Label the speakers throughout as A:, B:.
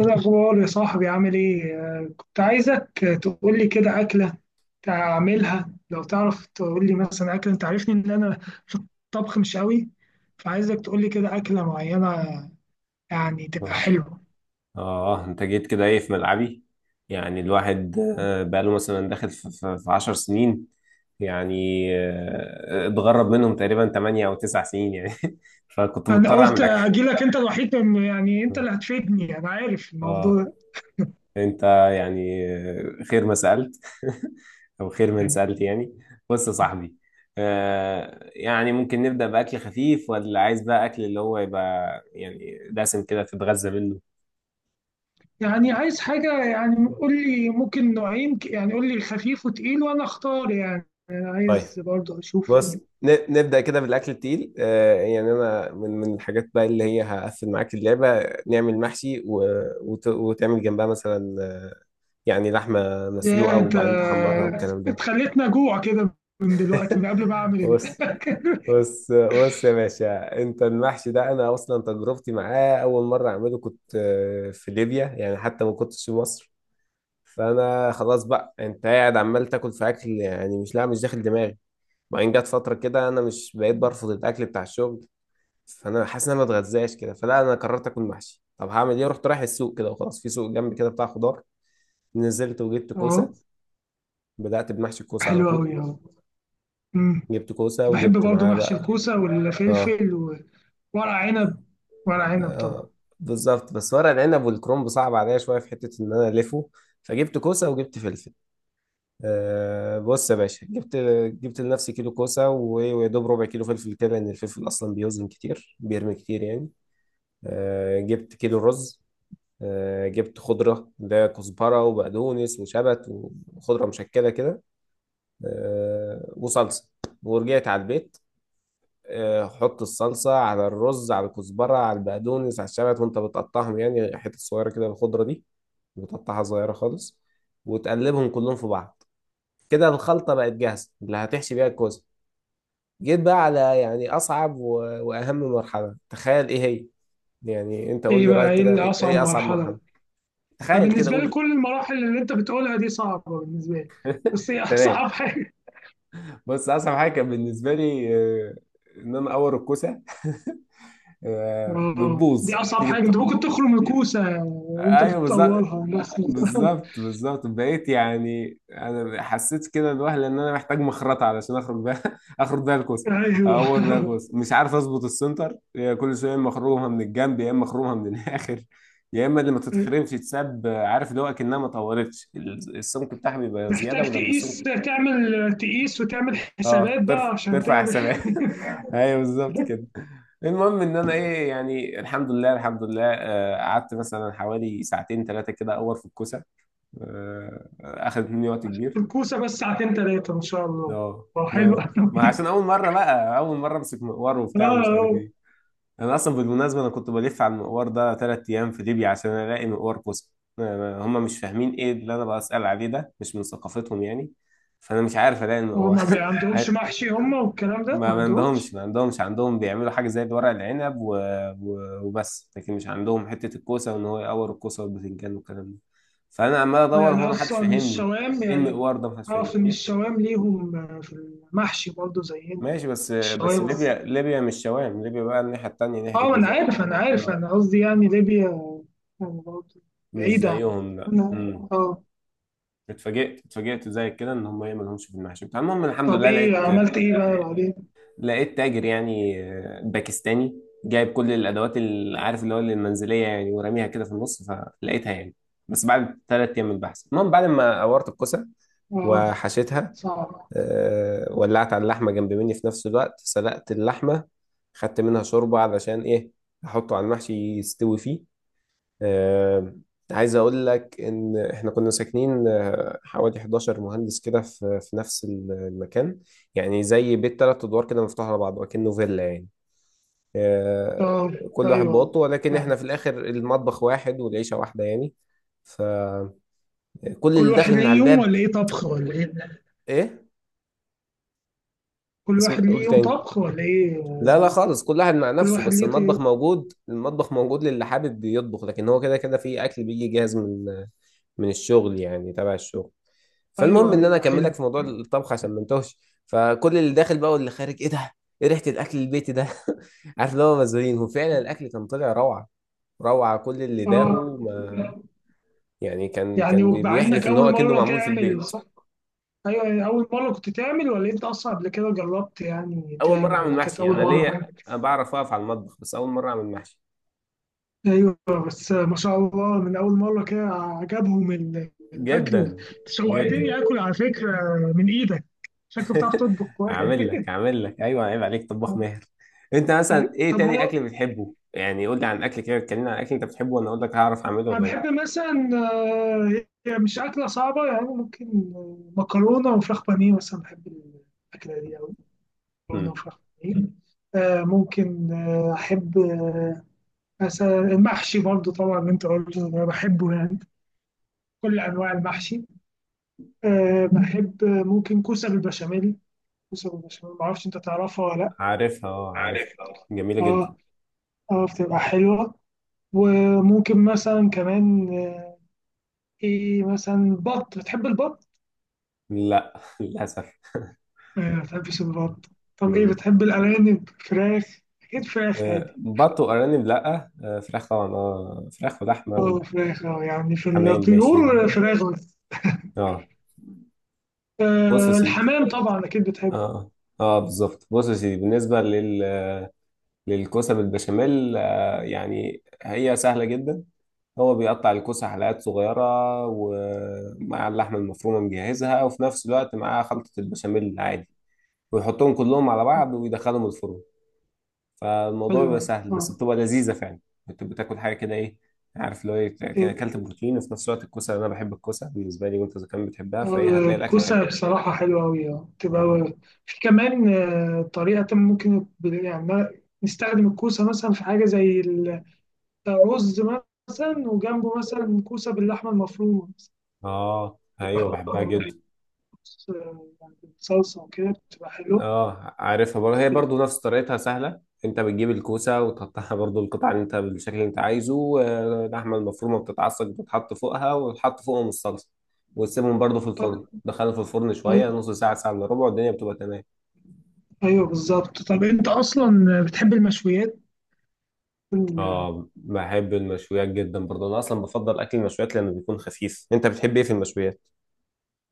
A: ايه الاخبار يا صاحبي؟ عامل ايه؟ كنت عايزك تقول لي كده اكله تعملها لو تعرف. تقول لي مثلا اكله. انت عارفني ان انا في الطبخ مش قوي، فعايزك تقول لي كده اكله معينه يعني تبقى
B: اه.
A: حلوه.
B: انت جيت كده ايه في ملعبي؟ يعني الواحد بقاله مثلا داخل في 10 سنين يعني. اتغرب منهم تقريبا 8 او 9 سنين يعني. فكنت
A: انا
B: مضطر
A: قلت
B: اعمل اكل.
A: اجي لك. انت الوحيد يعني انت اللي هتفيدني. انا عارف
B: اه.
A: الموضوع ده.
B: انت، يعني خير ما سألت. او خير من سألت يعني. بص يا صاحبي، يعني ممكن نبدأ بأكل خفيف ولا عايز بقى أكل اللي هو يبقى يعني دسم كده تتغذى منه؟
A: يعني عايز حاجه، يعني قول لي ممكن نوعين، يعني قول لي خفيف وتقيل وانا اختار. يعني انا
B: طيب،
A: عايز برضه اشوف.
B: بص. نبدأ كده بالأكل التقيل. يعني أنا من الحاجات بقى اللي هي هقفل معاك اللعبة، نعمل محشي وتعمل جنبها مثلا، يعني لحمة
A: ياه!
B: مسلوقة
A: أنت
B: وبعدين تحمرها والكلام ده.
A: أنت خلّيتني أجوع كده من دلوقتي، من قبل ما أعمل
B: بص،
A: الأكل.
B: بص، بص يا باشا. أنت المحشي ده، أنا أصلا تجربتي معاه أول مرة أعمله كنت في ليبيا، يعني حتى ما كنتش في مصر. فأنا خلاص بقى أنت قاعد عمال تاكل في أكل، يعني مش، لا مش داخل دماغي. بعدين جت فترة كده أنا مش بقيت برفض الأكل بتاع الشغل، فانا حاسس ان انا ما اتغذاش كده، فلا انا قررت اكل محشي. طب هعمل ايه؟ رايح السوق كده وخلاص، في سوق جنبي كده بتاع خضار. نزلت وجبت
A: آه.
B: كوسه. بدات بمحشي الكوسه على
A: حلو
B: طول.
A: أوي. آه، إمم،
B: جبت كوسه
A: باحب
B: وجبت
A: برضه
B: معاه
A: محشي
B: بقى.
A: الكوسة
B: اه،
A: والفلفل وورق عنب، ورق عنب طبعًا.
B: آه. بالظبط، بس ورق العنب والكرنب صعب عليا شويه، في حته ان انا الفه. فجبت كوسه وجبت فلفل. بص يا باشا، جبت لنفسي كيلو كوسه ويا دوب ربع كيلو فلفل كده، لان الفلفل اصلا بيوزن كتير، بيرمي كتير يعني. جبت كيلو رز، جبت خضرة اللي هي كزبرة وبقدونس وشبت وخضرة مشكلة كده، وصلصة. ورجعت على البيت. حط الصلصة على الرز، على الكزبرة، على البقدونس، على الشبت، وانت بتقطعهم يعني حتت صغيرة كده. الخضرة دي بتقطعها صغيرة خالص، وتقلبهم كلهم في بعض. كده الخلطة بقت جاهزة اللي هتحشي بيها الكوسة. جيت بقى على يعني أصعب وأهم مرحلة، تخيل إيه هي. يعني أنت قول
A: إيه
B: لي
A: بقى؟
B: رأيك
A: إيه
B: كده،
A: اللي
B: إيه
A: أصعب
B: إيه أصعب
A: مرحلة
B: مرحلة؟
A: بقى؟ أنا
B: تخيل كده
A: بالنسبة لي
B: قول.
A: كل المراحل اللي أنت بتقولها دي صعبة بالنسبة لي، بس هي
B: تمام.
A: أصعب حاجة.
B: بص، اصعب حاجه كان بالنسبه لي، آه، ان انا اور الكوسه.
A: دي
B: بتبوظ،
A: أصعب
B: تيجي
A: حاجة. أنت ممكن تخرم الكوسة وأنت
B: ايوه، بالظبط،
A: بتطورها مثلًا.
B: بالظبط، بالظبط. بقيت يعني انا حسيت كده الوهله ان انا محتاج مخرطه علشان اخرج بيها اخرج بيها الكوسه.
A: أيوه.
B: اور بيها الكوسه، مش عارف اظبط السنتر هي، كل شويه يا اما اخرمها من الجنب يا اما اخرمها من الاخر. يا اما اللي ما تتخرمش تتساب، عارف اللي هو اكنها ما طورتش، السمك بتاعها بيبقى زياده،
A: محتاج
B: ولما
A: تقيس
B: السمك
A: تعمل تقيس وتعمل
B: اه،
A: حسابات بقى عشان
B: ترفع
A: تعمل.
B: حسابات. ايوه بالظبط كده. المهم ان انا ايه يعني، الحمد لله، الحمد لله، قعدت مثلا حوالي ساعتين 3 كده اور في الكوسه. اخدت مني وقت
A: عشان
B: كبير.
A: الكوسه بس؟ ساعتين ثلاثه ان شاء الله.
B: اه،
A: هو حلو
B: ما
A: قوي.
B: ما عشان اول مره بقى اول مره امسك مقوار وبتاع، ومش عارف
A: اه.
B: ايه. انا اصلا بالمناسبه انا كنت بلف على المقوار ده 3 ايام في ليبيا عشان الاقي مقوار كوسه. أنا- هم مش فاهمين ايه اللي انا بسال عليه، ده مش من ثقافتهم يعني، فانا مش عارف الاقي
A: هو
B: المقوار.
A: ما عندهمش محشي هم، والكلام ده ما
B: ما عندهمش،
A: عندهمش.
B: ما عندهمش. عندهم بيعملوا حاجة زي ورق العنب وبس، لكن مش عندهم حتة الكوسة، وإن هو يقور الكوسة والبتنجان والكلام ده. فأنا عمال أدور،
A: يعني
B: هو محدش
A: اصلا
B: فاهمني.
A: الشوام
B: إيه
A: يعني
B: المقوار ده؟ محدش فاهمني
A: اعرف ان
B: إيه؟
A: الشوام ليهم في المحشي برضه زينا.
B: ماشي. بس
A: الشوام.
B: ليبيا، ليبيا مش شوام، ليبيا بقى الناحية التانية،
A: اه،
B: ناحية
A: ما انا
B: الجزائر.
A: عارف انا عارف
B: آه،
A: انا قصدي يعني ليبيا يعني برضه
B: مش
A: بعيدة عن.
B: زيهم لا،
A: أنا اه.
B: اتفاجئت، زي كده إن هم إيه مالهمش في المحشي بتاع. المهم الحمد
A: طب
B: لله
A: ايه
B: لقيت
A: عملت ايه بقى بعدين؟
B: لقيت تاجر يعني، باكستاني جايب كل الادوات اللي عارف اللي هو المنزليه يعني، وراميها كده في النص، فلقيتها يعني. بس بعد 3 ايام من البحث. المهم بعد ما قورت الكوسه
A: اه.
B: وحشيتها،
A: صعب.
B: ولعت على اللحمه جنب مني، في نفس الوقت سلقت اللحمه، خدت منها شوربه علشان ايه، احطه على المحشي يستوي فيه. آه، عايز اقول لك ان احنا كنا ساكنين، حوالي 11 مهندس كده في نفس المكان، يعني زي بيت 3 ادوار كده مفتوح على بعض وكأنه فيلا يعني. آه،
A: اه.
B: كل واحد
A: ايوه
B: بأوضته، ولكن احنا
A: يعني.
B: في الاخر المطبخ واحد والعيشة واحدة يعني. فكل
A: كل
B: اللي
A: واحد
B: داخل من
A: ليه
B: على
A: يوم
B: الباب.
A: ولا ايه طبخ ولا ايه؟
B: ايه،
A: كل
B: بس
A: واحد
B: قول
A: ليه يوم
B: تاني.
A: طبخ ولا ايه
B: لا، لا،
A: قصدي؟
B: خالص. كل واحد مع
A: كل
B: نفسه،
A: واحد
B: بس
A: ليه.
B: المطبخ موجود، المطبخ موجود للي حابب يطبخ، لكن هو كده كده في اكل بيجي جاهز من الشغل يعني، تبع الشغل. فالمهم
A: ايوه،
B: ان انا
A: ايوه،
B: اكمل
A: حلو.
B: لك في موضوع الطبخ عشان ما انتهش. فكل اللي داخل بقى واللي خارج: ايه ده؟ ايه ريحه الاكل البيتي ده؟ عارف اللي هو مزارين. وفعلا الاكل كان طلع روعه، روعه. كل اللي
A: اه
B: داقه، ما يعني كان
A: يعني
B: كان
A: مع انك
B: بيحلف ان
A: اول
B: هو كأنه
A: مره
B: معمول في
A: تعمل
B: البيت.
A: صح؟ ايوه يعني اول مره كنت تعمل، ولا انت اصلا قبل كده جربت يعني
B: اول
A: تعمل،
B: مره اعمل
A: ولا كانت
B: محشي.
A: اول
B: انا
A: مره؟
B: ليا، أنا بعرف اقف على المطبخ، بس اول مره اعمل محشي.
A: ايوه، بس ما شاء الله من اول مره كده عجبهم الاكل.
B: جدا، جدا.
A: شوقتني اكل على فكره من ايدك. شكلك بتعرف تطبخ كويس.
B: اعمل لك، اعمل لك، ايوه، عيب عليك، طباخ ماهر. انت مثلا ايه
A: طب
B: تاني
A: هو
B: اكل بتحبه؟ يعني قول لي عن اكل كده، اتكلمنا عن اكل انت بتحبه وانا اقول لك هعرف اعمله
A: أنا
B: ولا.
A: بحب مثلا، هي مش أكلة صعبة يعني، ممكن مكرونة وفراخ بانيه مثلا. بحب الأكلة دي أوي، مكرونة
B: لا،
A: وفراخ بانيه. ممكن، أحب، مثلا المحشي برضو طبعا اللي أنت قلته أنا بحبه يعني. كل أنواع المحشي. بحب، ممكن كوسة بالبشاميل. كوسة بالبشاميل، معرفش أنت تعرفها ولا لأ.
B: عارفها، اه عارفها. جميلة جدا.
A: أه، أه، بتبقى حلوة. وممكن مثلا كمان. إيه مثلا؟ بط؟ بتحب البط؟
B: لا، للأسف.
A: ما بتحبش البط. طب إيه
B: مم.
A: بتحب؟ الأرانب؟ فراخ؟ أكيد فراخ عادي.
B: بط وأرانب لا، فراخ طبعا، اه، فراخ
A: أه
B: ولحمة.
A: فراخ، يعني في
B: وحمام ماشي.
A: الطيور فراخ بس.
B: اه. بص يا
A: آه،
B: سيدي.
A: الحمام طبعا أكيد بتحب.
B: اه، اه، بالظبط. بص يا سيدي، بالنسبة للكوسة بالبشاميل، يعني هي سهلة جدا. هو بيقطع الكوسة حلقات صغيرة، ومع اللحمة المفرومة مجهزها، وفي نفس الوقت معاه خلطة البشاميل العادي، ويحطهم كلهم على بعض ويدخلهم الفرن. فالموضوع بيبقى
A: حلوة،
B: سهل، بس
A: أه.
B: بتبقى لذيذه فعلا. بتبقى بتاكل حاجه كده ايه، عارف اللي هو ايه، كده
A: إيه؟
B: اكلت بروتين وفي نفس الوقت الكوسه. انا بحب الكوسه بالنسبه لي، وانت اذا كان بتحبها فايه هتلاقي الاكل حلو.
A: الكوسة بصراحة حلوة أوي، أه
B: اه،
A: تبقى. في كمان طريقة، ممكن يعني نستخدم الكوسة مثلا في حاجة زي الرز مثلا، وجنبه مثلا كوسة باللحمة المفرومة مثلاً.
B: اه،
A: بتبقى
B: ايوه، بحبها
A: برضه،
B: جدا.
A: يعني بالصلصة وكده بتبقى حلوة.
B: اه، عارفها برضه، هي برضه نفس طريقتها سهله. انت بتجيب الكوسه وتقطعها برضه القطع اللي انت بالشكل اللي انت عايزه، اللحمه المفرومه بتتعصج بتتحط فوقها، وتحط فوقهم الصلصه، وتسيبهم برضه في
A: طب
B: الفرن. دخلهم في الفرن شويه،
A: أي-
B: نص ساعه، ساعه الا ربع، الدنيا بتبقى تمام.
A: ايوه بالظبط. طب انت اصلا بتحب المشويات ال-
B: اه، بحب المشويات جدا برضه. انا اصلا بفضل اكل المشويات لانه بيكون خفيف. انت بتحب ايه في المشويات؟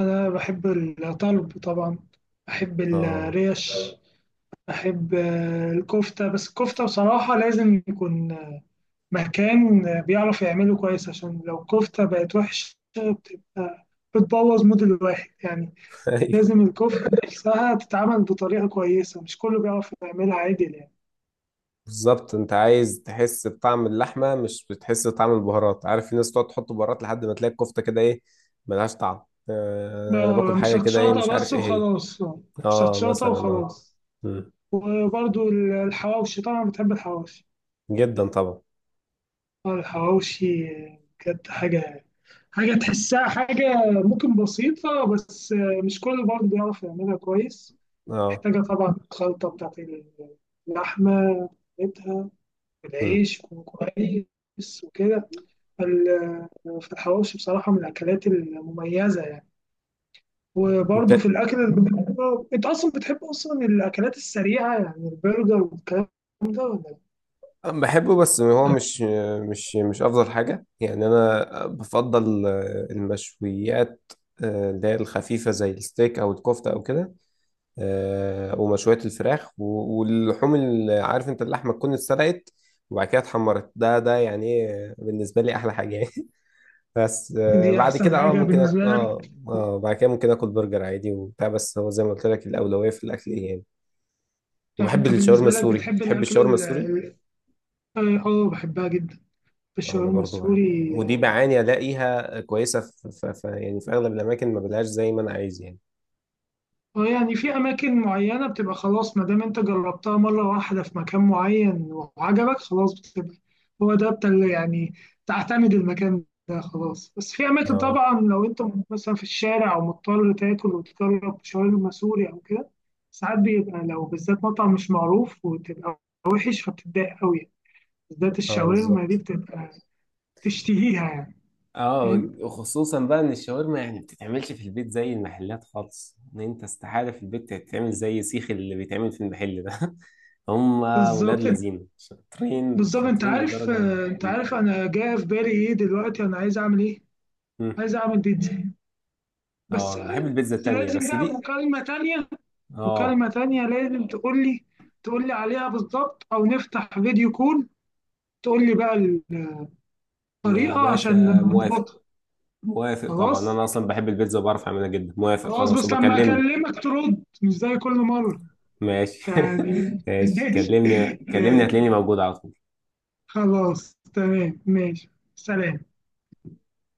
A: انا بحب الطلب طبعا، بحب
B: اه.
A: الريش، بحب الكفته. بس الكفته بصراحه لازم يكون مكان بيعرف يعمله كويس، عشان لو الكفته بقت وحشه بتبقى بتبوظ مود الواحد يعني.
B: ايوه
A: لازم الكفته نفسها تتعمل بطريقه كويسه، مش كله بيعرف يعملها عادل يعني.
B: بالظبط. انت عايز تحس بطعم اللحمه، مش بتحس بطعم البهارات. عارف، في ناس تقعد تحط بهارات لحد ما تلاقي الكفته كده ايه، ملهاش طعم. انا باكل
A: مش
B: حاجه كده ايه،
A: هتشاطه
B: مش
A: بس
B: عارف ايه هي.
A: وخلاص. مش
B: اه
A: هتشاطه
B: مثلا، اه.
A: وخلاص.
B: مم.
A: وبرضو الحواوشي، طبعا بتحب الحواوشي.
B: جدا طبعا.
A: الحواوشي بجد حاجة، حاجة تحسها، حاجة ممكن بسيطة، بس مش كل برضه بيعرف يعملها كويس.
B: اه.
A: محتاجة طبعا الخلطة بتاعت اللحمة بتاعتها،
B: مم.
A: والعيش يكون كويس وكده. فال- فالحواوشي بصراحة من الأكلات المميزة يعني. وبرضه في
B: انت
A: الأكل. أنت أصلا بتحب أصلا الأكلات السريعة يعني، البرجر والكلام ده، ولا إيه؟
B: أنا بحبه بس هو مش، افضل حاجه يعني. انا بفضل المشويات، اللي هي الخفيفه زي الستيك او الكفته او كده، ومشويات الفراخ واللحوم اللي عارف، انت اللحمه تكون اتسلقت وبعد كده اتحمرت. ده يعني، بالنسبه لي احلى حاجه يعني. بس
A: دي
B: بعد
A: أحسن
B: كده اه
A: حاجة
B: ممكن
A: بالنسبة
B: اه،
A: لك؟
B: اه، بعد كده ممكن اكل برجر عادي وبتاع، بس هو زي ما قلت لك، الاولويه في الاكل ايه يعني.
A: يعني
B: وبحب
A: انت
B: الشاورما
A: بالنسبة لك
B: السوري.
A: بتحب
B: بتحب
A: الأكل
B: الشاورما
A: ال-
B: السوري؟
A: ال- اه، بحبها جدا،
B: انا
A: الشاورما
B: برضو بحب.
A: السوري،
B: ودي
A: اه.
B: بعاني الاقيها كويسه في يعني، في اغلب الاماكن ما بلاقيهاش زي ما انا عايز يعني.
A: يعني في أماكن معينة بتبقى خلاص، ما دام انت جربتها مرة واحدة في مكان معين وعجبك خلاص بتبقى هو ده بتاع، اللي يعني تعتمد المكان ده خلاص. بس في أماكن
B: اه،
A: طبعا، لو انت مثلا في الشارع أو مضطر تاكل وتجرب شاورما سوري أو كده، ساعات بيبقى لو بالذات مطعم مش معروف وتبقى وحش فبتتضايق قوي، بالذات
B: اه،
A: الشاورما دي
B: بالظبط.
A: بتبقى تشتهيها يعني.
B: اه. خصوصا بقى ان الشاورما يعني ما بتتعملش في البيت زي المحلات خالص، ان انت استحالة في البيت تتعمل زي سيخ اللي بيتعمل في المحل ده. هم، ولاد
A: بالظبط.
B: لذين شاطرين،
A: بالظبط انت
B: شاطرين
A: عارف
B: بالدرجة
A: آه، انت عارف انا جاي في بالي ايه دلوقتي؟ انا عايز اعمل ايه؟
B: م.
A: عايز اعمل بيتزا.
B: اه،
A: بس.
B: انا بحب البيتزا
A: بس
B: التانية
A: لازم
B: بس
A: بقى
B: دي.
A: مكالمة تانية.
B: اه،
A: مكالمة تانية لازم تقول لي عليها بالظبط، او نفتح فيديو كول تقول لي بقى
B: يا
A: الطريقة عشان
B: باشا موافق.
A: نظبطها.
B: موافق طبعا،
A: خلاص.
B: انا اصلا بحب البيتزا وبعرف اعملها جدا. موافق
A: خلاص
B: خلاص،
A: بس لما
B: وبكلمني.
A: اكلمك ترد مش زي كل مرة
B: ماشي.
A: يعني.
B: ماشي.
A: ماشي.
B: كلمني، كلمني
A: ماشي،
B: هتلاقيني موجود على طول.
A: خلاص تمام ماشي. سلام.